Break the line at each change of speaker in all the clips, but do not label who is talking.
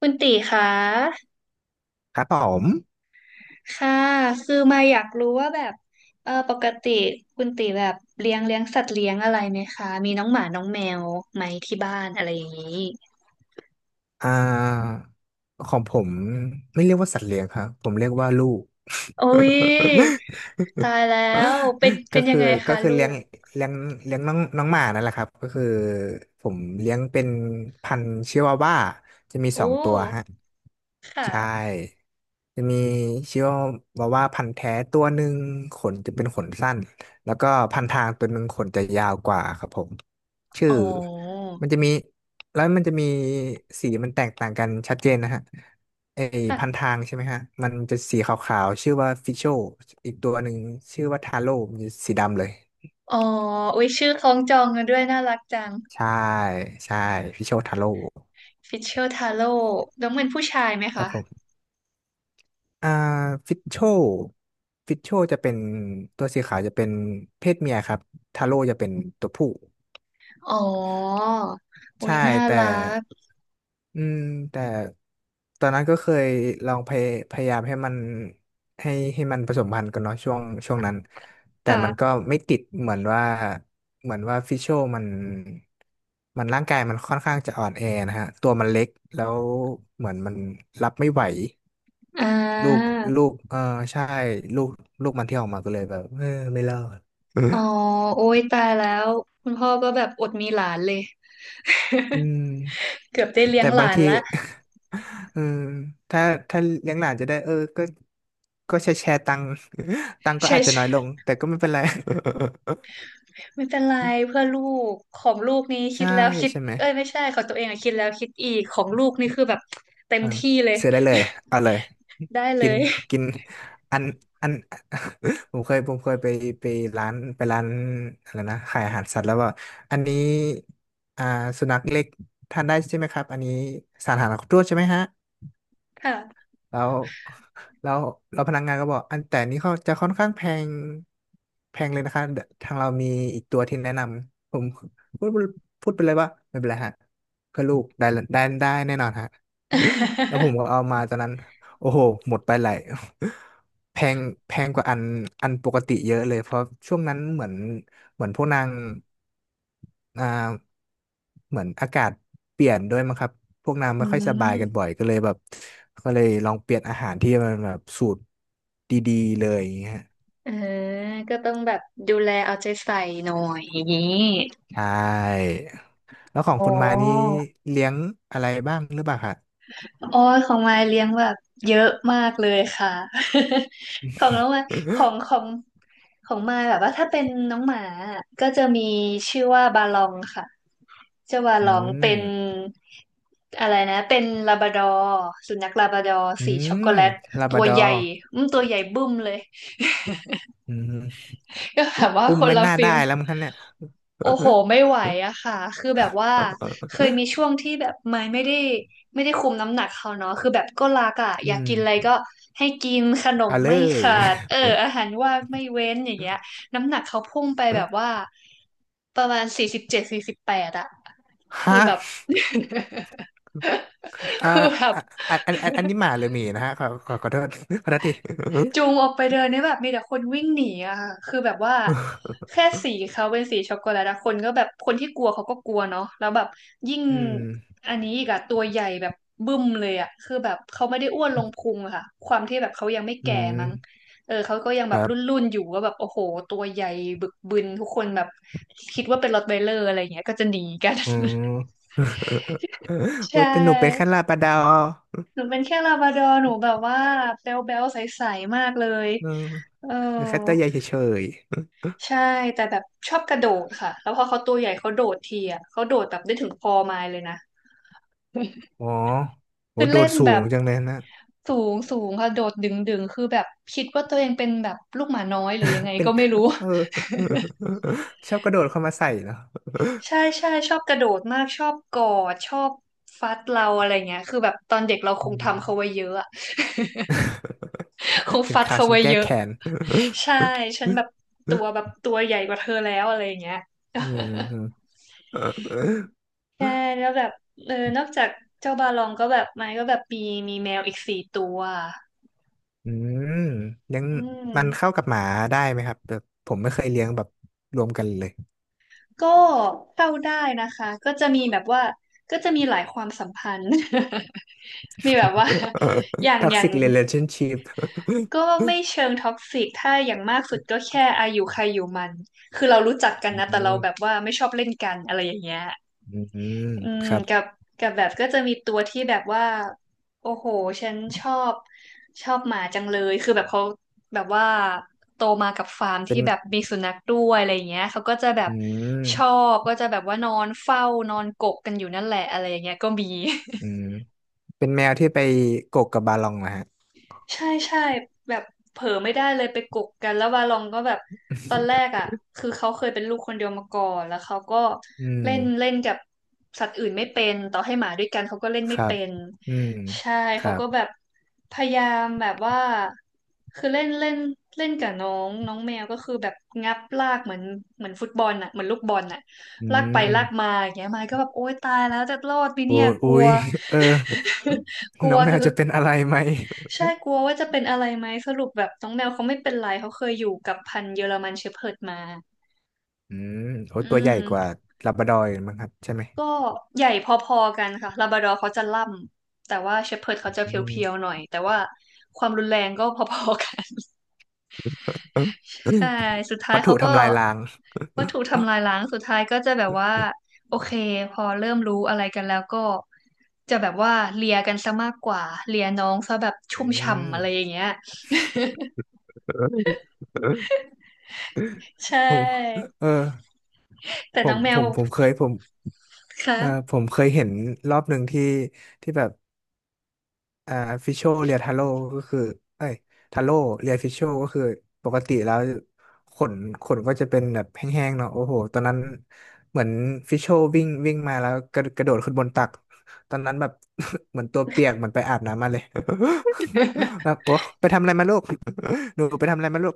คุณตีคะ
ครับผม
ค่ะ คือมาอยากรู้ว่าแบบปกติคุณตีแบบเลี้ยงสัตว์เลี้ยงอะไรไหมคะ มีน้องหมาน้องแมวไหมที่บ้านอะไรอย่างนี้
อ่าของผมไม่เรียกว่าสัตว์เลี้ยงครับ ผมเรียกว่าลูก
โอ้ยตายแล้วเป็น
ก็
เป็นยั
คื
ง
อ
ไง
ก็
คะ
คือ
ลูก
เลี้ยงเลี้ยงน้องน้องหมานั่นแหละครับ ก็คือผมเลี้ยงเป็นพันธุ์ชิวาว่าจะมี
โอ้
สองตัวฮะ
ค
ใช
่ะ
่จะมีชิวาวาว่าพันธุ์แท้ตัวหนึ่งขนจะเป็นขนสั้นแล้วก็พันทางตัวหนึ่งขนจะยาวกว่าครับผมชื่อ
อ๋อ
มันจะมีแล้วมันจะมีสีมันแตกต่างกันชัดเจนนะฮะไอ
ค่ะ
พันทางใช่ไหมฮะมันจะสีขาวๆชื่อว่าฟิโชอีกตัวหนึ่งชื่อว่าทาโร่มันจะสีดำเลย
อ๋ออุ้ยชื่อคล้องจองกันด้วยน่ารักจัง
ใช่ใช่ฟิโชทาโร่
ฟิชเชอร์ทาโร่น้องเป็นผู้ชายไหม
ครั
คะ
บผม อ่าฟิตโชฟิตโชจะเป็นตัวสีขาวจะเป็นเพศเมียครับทาโร่จะเป็นตัวผู้
อ๋ออุ้ย
ใช่
น่า
แต่
รัก
อืมแต่ตอนนั้นก็เคยลองพยายามให้มันให้มันผสมพันธุ์กันเนาะช่วงนั้นแต่มัน
ค่ะ
ก็ไม่ติดเหมือนว่าฟิชโชมันมันร่างกายมันค่อนข้างจะอ่อนแอนะฮะตัวมันเล็กแล้วเหมือนมันรับไม่ไหว
อ่
ลูกลู
า
กเออใช่ลูกลูกมันที่ออกมาก็เลยแบบเออไม่รอดเออ
อ๋อโอ้ยตายแล้วคุณพ่อก็แบบอดมีหลานเลย
อืม
เกือบได้เลี้ย
แต่
งห
บาง
ลาน
ที
ละ
เออถ้าถ้าเลี้ยงหลานจะได้เออก็ก็แชร์ตังค์ ตังค์ก็
ใช่
อาจจะน้อย
ใช่
ลงแต่ก็ไม่เป็นไร
ไม่เป็นไรเพื่อลูกของลูกนี้คิ
ใช่
ดแล้วคิด
ใช่ไหม
เอ้ยไม่ใช่ของตัวเองอะคิดแล้วคิดอีกของลูกนี่คือแบบเต็ม
อ่า
ที่เลย
ซื้อได้เลย เอาเลย
ได้เล
กิน
ย
กินอัน อัน ผมเคยไปร้าน ไปร้านอะไรนะ ขายอาหารสัตว์แล้วว่า อันนี้ อ่า สุนัขเล็กทานได้ใช่ไหมครับ อันนี้สารอาหารครบถ้วนใช่ไหมฮะ
ค่ะ
แล้วแล้วแล้วพนักงานก็บอกอันแต่นี้เขาจะค่อนข้างแพงแพงเลยนะคะเดี๋ยวทางเรามีอีกตัวที่แนะนำผมพูดพูดไปเลยว่าไม่เป็นไรฮะเพื่อลูกได้ได้ได้แน่นอนฮะ แล้วผมก็เอามาตอนนั้น โอ้โหหมดไปหลาย แพงแพงกว่าอันปกติเยอะเลยเพราะช่วงนั้นเหมือนพวกนางอ่าเหมือนอากาศเปลี่ยนด้วยมั้งครับพวกนาง
อื
ไม่ค่อยสบายกัน
ม
บ่อยก็เลยแบบก็เลยลองเปลี่ยนอาหารที่มันแบบสูตรดีๆเลยอย่างเงี้ย
เออก็ต้องแบบดูแลเอาใจใส่หน่อยอย่างนี้
ใช่แล้วของ
อ๋
คุณมานี้
อ
เลี้ยงอะไรบ้างหรือเปล่าคะ
โอ้ยของมายเลี้ยงแบบเยอะมากเลยค่ะ ของน้องมายขอ งของของมายแบบว่าถ้าเป็นน้องหมาอะก็จะมีชื่อว่าบาลองค่ะเจ้าบา
อื
ลองเป็น
ม
อะไรนะเป็นลาบราดอร์สุนัขลาบราดอร์
อื
สีช็อก
ม
โกแลต
ลาบ
ตั
รา
ว
ดอ
ใหญ่
ร์
อืมตัวใหญ่บึ้มเลย
อืม
ก็ แบบว่า
อุ้
ค
ม
น
ไม่
ละ
น่า
ฟิ
ได้
ล
แล้วมั้งคะเนี่ย
โอ้โหไม่ไหวอะค่ะ คือแบบว่าเคยมีช่วงที่แบบไม่ได้คุมน้ำหนักเขาเนาะคือแบบก็รักอะอยา
อื
กกินอะไร
ม
ก็ให้กินขนม
เอาเล
ไม่
ย
ขาด อาหารว่างไม่เว้นอย่างเงี้ยน้ำหนักเขาพุ่งไปแบบว่าประมาณ4748อะคือ
ฮะ
แบบ
อ่า
คือแบบ
อ่ะอันนี้หมาหรือหมีนะฮะขอโทษขอโทษที
จูงออกไปเดินนี่แบบมีแต่คนวิ่งหนีอะค่ะคือแบบว่าแค่สีเขาเป็นสีช็อกโกแลตอะคนก็แบบคนที่กลัวเขาก็กลัวเนาะแล้วแบบยิ่ง
อืม
อันนี้อีกอะตัวใหญ่แบบบึ้มเลยอะคือแบบเขาไม่ได้อ้วนลงพุงอะค่ะความที่แบบเขายังไม่
อื
แก่
ม
มั้งเออเขาก็ยังแบ
ค
บ
รั
รุ
บ
่นๆอยู่ว่าแบบโอ้โหตัวใหญ่บึกบึนทุกคนแบบคิดว่าเป็นรอตไวเลอร์อะไรอย่างเงี้ยก็จะหนีกัน
อืม
ใช
โอ้ยแต่หนูเป็นแค่
่
ลาบราดอร์
หนูเป็นแค่ลาบราดอร์หนูแบบว่าแบ๊วๆใสๆมากเลย
อืม
เออ
หนูแค่ตัวใหญ่เฉย
ใช่แต่แบบชอบกระโดดค่ะแล้วพอเขาตัวใหญ่เขาโดดทีอ่ะเขาโดดแบบได้ถึงคอไม้เลยนะ
ๆอ๋อโห
คือ
โด
เล่
ด
น
สู
แบ
ง
บ
จังเลยนะ
สูงสูงค่ะโดดดึงดึงคือแบบคิดว่าตัวเองเป็นแบบลูกหมาน้อยหรือยังไง
เป็น
ก็ไม่รู้
เออชอบกระโดดเข้ามาใส่เนาะ
ใช่ใช่ชอบกระโดดมากชอบกอดชอบฟัดเราอะไรเงี้ยคือแบบตอนเด็กเราค
อื
งทำเขาไว้
ม
เยอะอะ คง
ถึง
ฟัด
ข่าว
เขา
ฉัน
ไว้
แก้
เยอะ
แค้น
ใช่ฉันแบบ
เ
ตัวใหญ่กว่าเธอแล้วอะไรเงี้ย
ออ อื
ใช่แล้วแบบเออนอกจากเจ้าบาลองก็แบบมันก็แบบมีแมวอีกสี่ตัว
มเลี้ยง
อืม
มันเข้ากับหมาได้ไหมครับแบบผมไม่เคยเลี้ยงแบบรวมกันเลย
ก็เข้าได้นะคะก็จะมีแบบว่าก็จะมีหลายความสัมพันธ์ มีแบบว่าอย่า งอย่าง
Toxic Relationship
ก็ไม่เชิงท็อกซิกถ้าอย่างมากสุดก็แค่อายุใครอยู่มันคือเรารู้จักกัน
อื
นะแต่เรา
ม
แบบว่าไม่ชอบเล่นกันอะไรอย่างเงี้ย
อืม
อืม
ครับ
กับแบบก็จะมีตัวที่แบบว่าโอ้โหฉันชอบหมาจังเลยคือแบบเขาแบบว่าโตมากับฟาร์ม
เป็
ที่
น
แบบมีสุนัขด้วยอะไรอย่างเงี้ยเขาก็จะแบ
อื
บชอ
ม
บก็จะแบบว่านอนเฝ้านอนกกกันอยู่นั่นแหละอะไรอย่างเงี้ยก็มี
อืมเป็นแมวที่ไปโกกกับบาลองนะฮะ
ใช่ใช่แบบเผลอไม่ได้เลยไปกกกันแล้ววาลองก็แบบตอนแรกอ่ะคือเขาเคยเป็นลูกคนเดียวมาก่อนแล้วเขาก็
อืม
เล่นเล่นกับสัตว์อื่นไม่เป็นต่อให้หมาด้วยกันเขาก็เล่น
ค
ไม่
รับ
เป็น
อืม
ใช่
ค
เขา
รับ
ก็แบบพยายามแบบว่าคือเล่นเล่นเล่นกับน้องน้องแมวก็คือแบบงับลากเหมือนฟุตบอลอ่ะเหมือนลูกบอลอ่ะ
อื
ลากไปลากมา
ม
อย่างเงี้ยมายก็แบบโอ๊ยตายแล้วจะรอดไหม
โอ้
เนี่ยก
อุ๊
ลัว
ยเออ
กลั
น้
ว
องแมว
คือ
จะเป็นอะไรไหม
ใช่กลัวว่าจะเป็นอะไรไหมสรุปแบบน้องแมวเขาไม่เป็นไรเขาเคยอยู่กับพันธุ์เยอรมันเชพเพิร์ดมา
อืมโอ้
อื
ตัวใหญ่กว่า
ม
ลาบราดอร์อีกมั้งครับใช่ไหม
ก็ใหญ่พอๆกันค่ะลาบราดอร์เขาจะล่ำแต่ว่าเชพเพิร์ด
อ
เขาจะเพียว
ื
ๆหน่อยแต่ว่าความรุนแรงก็พอๆกัน
ม
ใช่สุดท้าย
วัตถุ
เขาก็
ทำลายล้าง
ว่าถูกทำลายล้างสุดท้ายก็จะแบบว่าโอเคพอเริ่มรู้อะไรกันแล้วก็จะแบบว่าเลียกันซะมากกว่าเลียน้องซะแบบชุ่ม
อื
ฉ่ำ
ม
อะไรอย่างเงี้ยใช
ผม
่
เออ
แต่
ผ
น้อ
ม
งแม
ผ
ว
มผมเคยผมเออ
ค่ะ
ผมเคยเห็นรอบหนึ่งที่ที่แบบอ่าฟิชโชเรียทาโร่ก็คือเอ้ยทาโร่เรียฟิชโชก็คือปกติแล้วขนขนก็จะเป็นแบบแห้งๆเนาะโอ้โหตอนนั้นเหมือนฟิชโชวิ่งวิ่งมาแล้วกระโดดขึ้นบนตักตอนนั้นแบบ เหมือนตัวเปียกเหมือนไปอาบน้ำมาเลย แบ บโอ้ไปทำอะไรมาลูกหนูไปทำอะไรมาลูก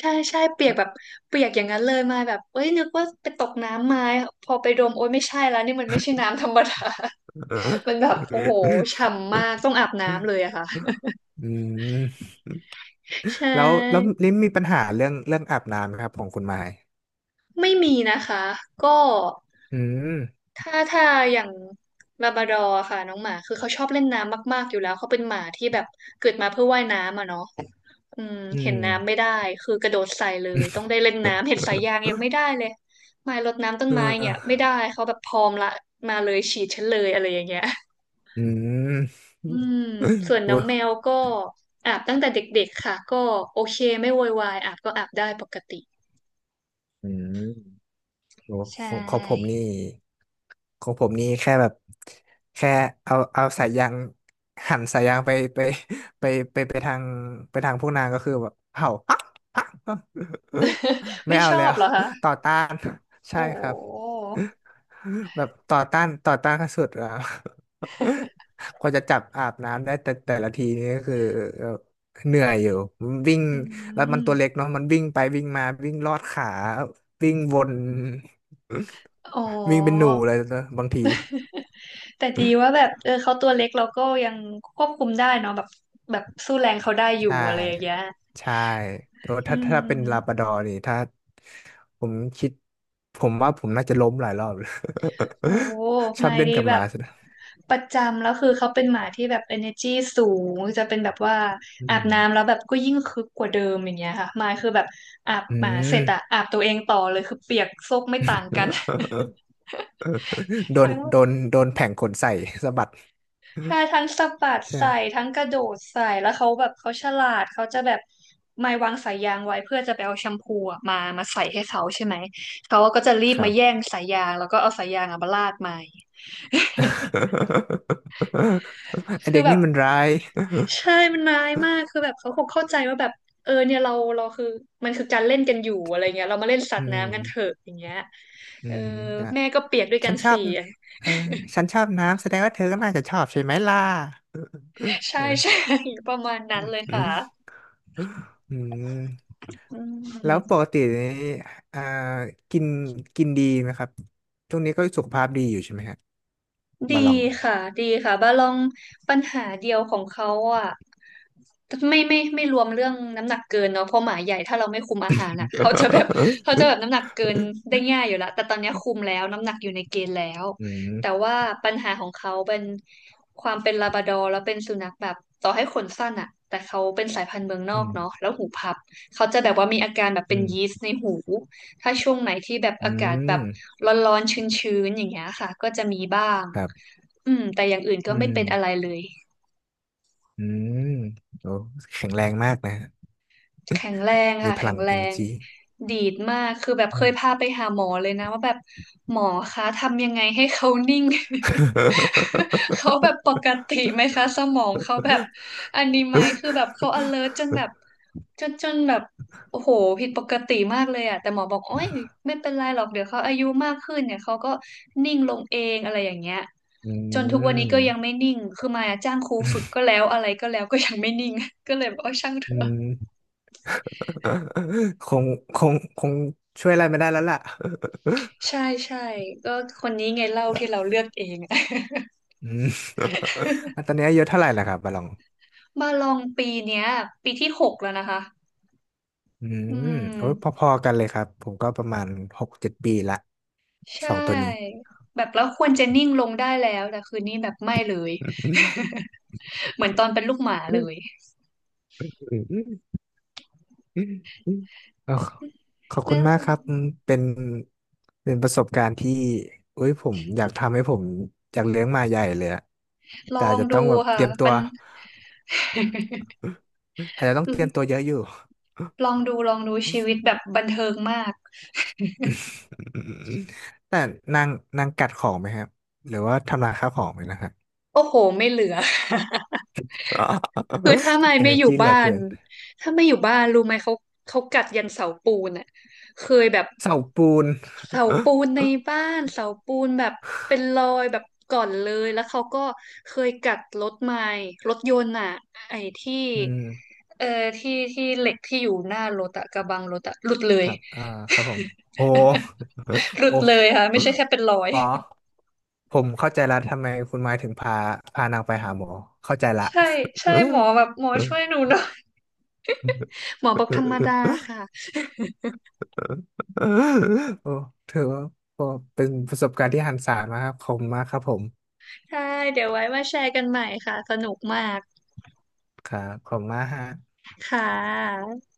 ใช่ใช่เปียกแบบเปียกอย่างนั้นเลยมาแบบเอ้ยนึกว่าไปตกน้ำมาพอไปดมโอ้ยไม่ใช่แล้วนี่มันไม่ใช่น้ำธรรมดา มัน
อ
แบบโอ้โหฉ่ำมากต้องอาบน้ำเลยอะค่ะ
ืม
ใช
แล้ว
่
ลิมมีปัญหาเรื่องเรื่องอาบน้ำไหมครับของคุณไม้
ไม่มีนะคะก็
อืม
ถ้าอย่างลาบราดอร์ค่ะน้องหมาคือเขาชอบเล่นน้ำมากๆอยู่แล้วเขาเป็นหมาที่แบบเกิดมาเพื่อว่ายน้ำอะเนาะ อืม
อื
เห็
ม
นน้ำไม่ได้คือกระโดดใส่เลยต้องได้เล่นน้ำเห็นสายยาง ยังไม่ได้เลยไม้รดน้ำต้น
เ
ไม้เนี่ยไม่
ออ
ได้เขาแบบพร้อมละมาเลยฉีดฉันเลยอะไรอย่างเงี้ย
อืม
อืมส่ว น
โอ้
น้อง
ย
แมวก็อาบตั้งแต่เด็กๆค่ะก็โอเคไม่โวยวายอาบก็อาบได้ปกติ
อืม โหข
ใช่
องของผมนี่ของผมนี่แค่แบบแค่เอาสายยางหันสายยางไปไปไปทางไปทางพวกนางก็คือแบบเห่า อ๊ะ ไม่
ไม่
เอา
ชอ
แล้
บ
ว
เหรอคะ
ต่อต้านใช่
โอ้
ครับ แบบต่อต้านขั้นสุดอ่ะ กว่าจะจับอาบน้ำได้แต่แต่ละทีนี่ก็คือเอ่อเหนื่อยอยู่มันวิ่ง
อื
แล้วมันตัวเล็
ม
กเนาะมันวิ่งไปวิ่งมาวิ่งลอดขาวิ่งวน
อ๋อ
วิ่งเป็นหนูเลยนะบางที
แต่ดีว่าแบบเออเขาตัวเล็กเราก็ยังควบคุมได้เนาะแบบแบบสู้แรงเขาได้อยู่
ใช่
อะไรอย่างเงี้ย
ใช่โอ้
อื
ถ้าถ้าเป็นลาบรา
ม
ดอร์นี่ถ้าผมคิดผมว่าผมน่าจะล้มหลายรอบเลย
โอ้
ช
ห
อ
มา
บ
ย
เล่น
ดี
กับ
แบ
หมา
บ
สุด
ประจำแล้วคือเขาเป็นหมาที่แบบ energy สูงจะเป็นแบบว่า
อื
อาบน้ำแล้
ม
วแบบก็ยิ่งคึกกว่าเดิมอย่างเงี้ยค่ะหมายคือแบบอาบ
อื
หมาเส
ม
ร็จอะอาบตัวเองต่อเลยคือเปียกโซกไม่ต่างกัน ทั้ง
โดนแผงขนใส่ สะบัด
ใช่ทั้งสะบัด
ใช่ไห
ใส่
ม
ทั้งกระโดดใส่แล้วเขาแบบเขาฉลาดเขาจะแบบไม่วางสายยางไว้เพื่อจะไปเอาแชมพูอะมามาใส่ให้เขาใช่ไหมเขาก็จะรี
ค
บมา
รับ
แย่งสายยางแล้วก็เอาสายยางอะมาลาดไม้
ไอ
คือ
เด็ก
แบ
นี่
บ
มันร้าย
ใช่มันร้ายมากคือแบบเขาคงเข้าใจว่าแบบเออเนี่ยเราคือมันคือการเล่นกันอยู่อะไรเงี้ยเรามาเล่นสั
อื
ตว์
ม
น้ำกันเถอะอย่างเงี้ย
อื
เออ
มอ่ะ
แม่ก็เปียกด้วยกั
ฉั
น
นชอบ
สี่
เออฉันชอบน้ำแสดงว่าเธอก็น่าจะชอบใช่ไหมล่ะ
ใช่ใช่
เออ
ประมาณนั้
อื
น
ม
เลย
อื
ค่ะ
มอืม
อ
แล้ว
ื
ป
ม
กตินี่อ่ากินกินดีไหมครับช่วงนี้ก็สุขภาพดีอยู่ใช่ไหมฮะ
ดี
บาลอง
ค่ะดีค่ะบาลองปัญหาเดียวของเขาอ่ะไม่รวมเรื่องน้ำหนักเกินเนาะเพราะหมาใหญ่ถ้าเราไม่คุมอาหารอ่ะเขาจะแบบ เขาจะแบบน้ำหนักเกินได้ ง่ายอยู่ละแต่ตอนเนี้ยคุมแล้วน้ำหนักอยู่ในเกณฑ์แล้ว
อืม
แต่ว่าปัญหาของเขาเป็นความเป็นลาบราดอร์แล้วเป็นสุนัขแบบต่อให้ขนสั้นอ่ะแต่เขาเป็นสายพันธุ์เมืองน
อื
อก
ม
เนาะแล้วหูพับเขาจะแบบว่ามีอาการแบบ
อื
เป็น
ม
ยีสต์ในหู ถ้าช่วงไหนที่แบบ
อื
อากาศแบบ
ม
ร้อนๆชื้นๆอย่างเงี้ยค่ะก็จะมีบ้าง
ครับ
อืมแต่อย่างอื่นก็
อื
ไม่
ม
เป็นอะไรเลย
อืมโอ้แข็งแรงมากนะ
แข็งแรง
มี
ค่ะ
พ
แข็
ลัง
งแรง
energy
ดีดมากคือแบบ
อื
เค
ม
ยพาไปหาหมอเลยนะว่าแบบหมอคะทำยังไงให้เขานิ่ง เขาแบบปกติไหมคะสมองเขาแบบอันนี้ไหมคือแบบเขา alert จนแบบจนแบบโอ้โหผิดปกติมากเลยอะแต่หมอบอกโอ้ยไม่เป็นไรหรอกเดี๋ยวเขาอายุมากขึ้นเนี่ยเขาก็นิ่งลงเองอะไรอย่างเงี้ย
อื
จนทุกวันนี้ก็ยังไม่
ม
นิ่งคือมายอะจ้างครูฝึกก็แล้วอะไรก็แล้วก็ยังไม่นิ่ง ก็เลยบอกว่าช่างเถ
อื
อะ
มคงคงช่วยอะไรไม่ได้แล้วล่ะ
ใช่ใช่ก็คนนี้ไงเล่าที่เราเลือกเอง
อืมอ่ะตอนนี้อายุเท่าไหร่ล่ะครับบาลอง
มาลองปีเนี้ยปีที่หกแล้วนะคะ
อื
อื
มโอ้ยพ
ม
อๆกันเลยครับผมก็ประมาณหกเจ็ดปีละ
ใช
สองตัวนี้
่แบบแล้วควรจะนิ่งลงได้แล้วแต่คืนนี้แบบไม่เลย เหมือนตอนเป็นลูกหมาเลย
เอาขอบ
น
คุณมากครับ
ะ
เป็นเป็นประสบการณ์ที่เอ้ยผมอยากเลี้ยงหมาใหญ่เลยอะ
ลอ
แต่อาจ
ง
จะ
ดู
ต้องแบบ
ค่ะ
เตรียมตั
มั
ว
น
อาจจะต้องเตรียมตัวเย อะอยู่
ลองดูลองดูชีวิตแบบบันเทิงมาก
แต่นางนางกัดของไหมครับหรือว่าทำลายข้าวของไหมนะครับ
โอ้โหไม่เหลือ คือถ้าไม่
เอ
ไม่
เนอ
อ
ร์
ยู่
จี เหลื
บ้า
อ
น
เกิน
ถ้าไม่อยู่บ้านรู้ไหมเขากัดยันเสาปูนอ่ะเคยแบบ
เสาปูน
เสาปูนในบ้านเสาปูนแบบเป็นรอยแบบก่อนเลยแล้วเขาก็เคยกัดรถไม้รถยนต์อ่ะไอ้ที่
อืม
เอ่อที่ที่เหล็กที่อยู่หน้ารถอะกระบังรถอะหลุดเล
ค
ย
รับครับผมโอ้
ห ลุด
โอ้
เลยค่ะไม่ใช่แค่เป็นรอย
อ๋อ ผมเข้าใจละทำไมคุณไม้ถึงพาพานางไปหาหมอเข้าใจละ
ใช่ใช่ หมอแบบหมอช่วยหนูหน่อยหมอบอกธรรมดาค่ะ
โอ้ถือว่าเป็นประสบการณ์ที่หันศาลมากครับขอบคุณมากครับผม
ใช่เดี๋ยวไว้มาแชร์กันใหม่ค่ะสนุกมาก
ครับขอบคุณมากฮะ
ค่ะ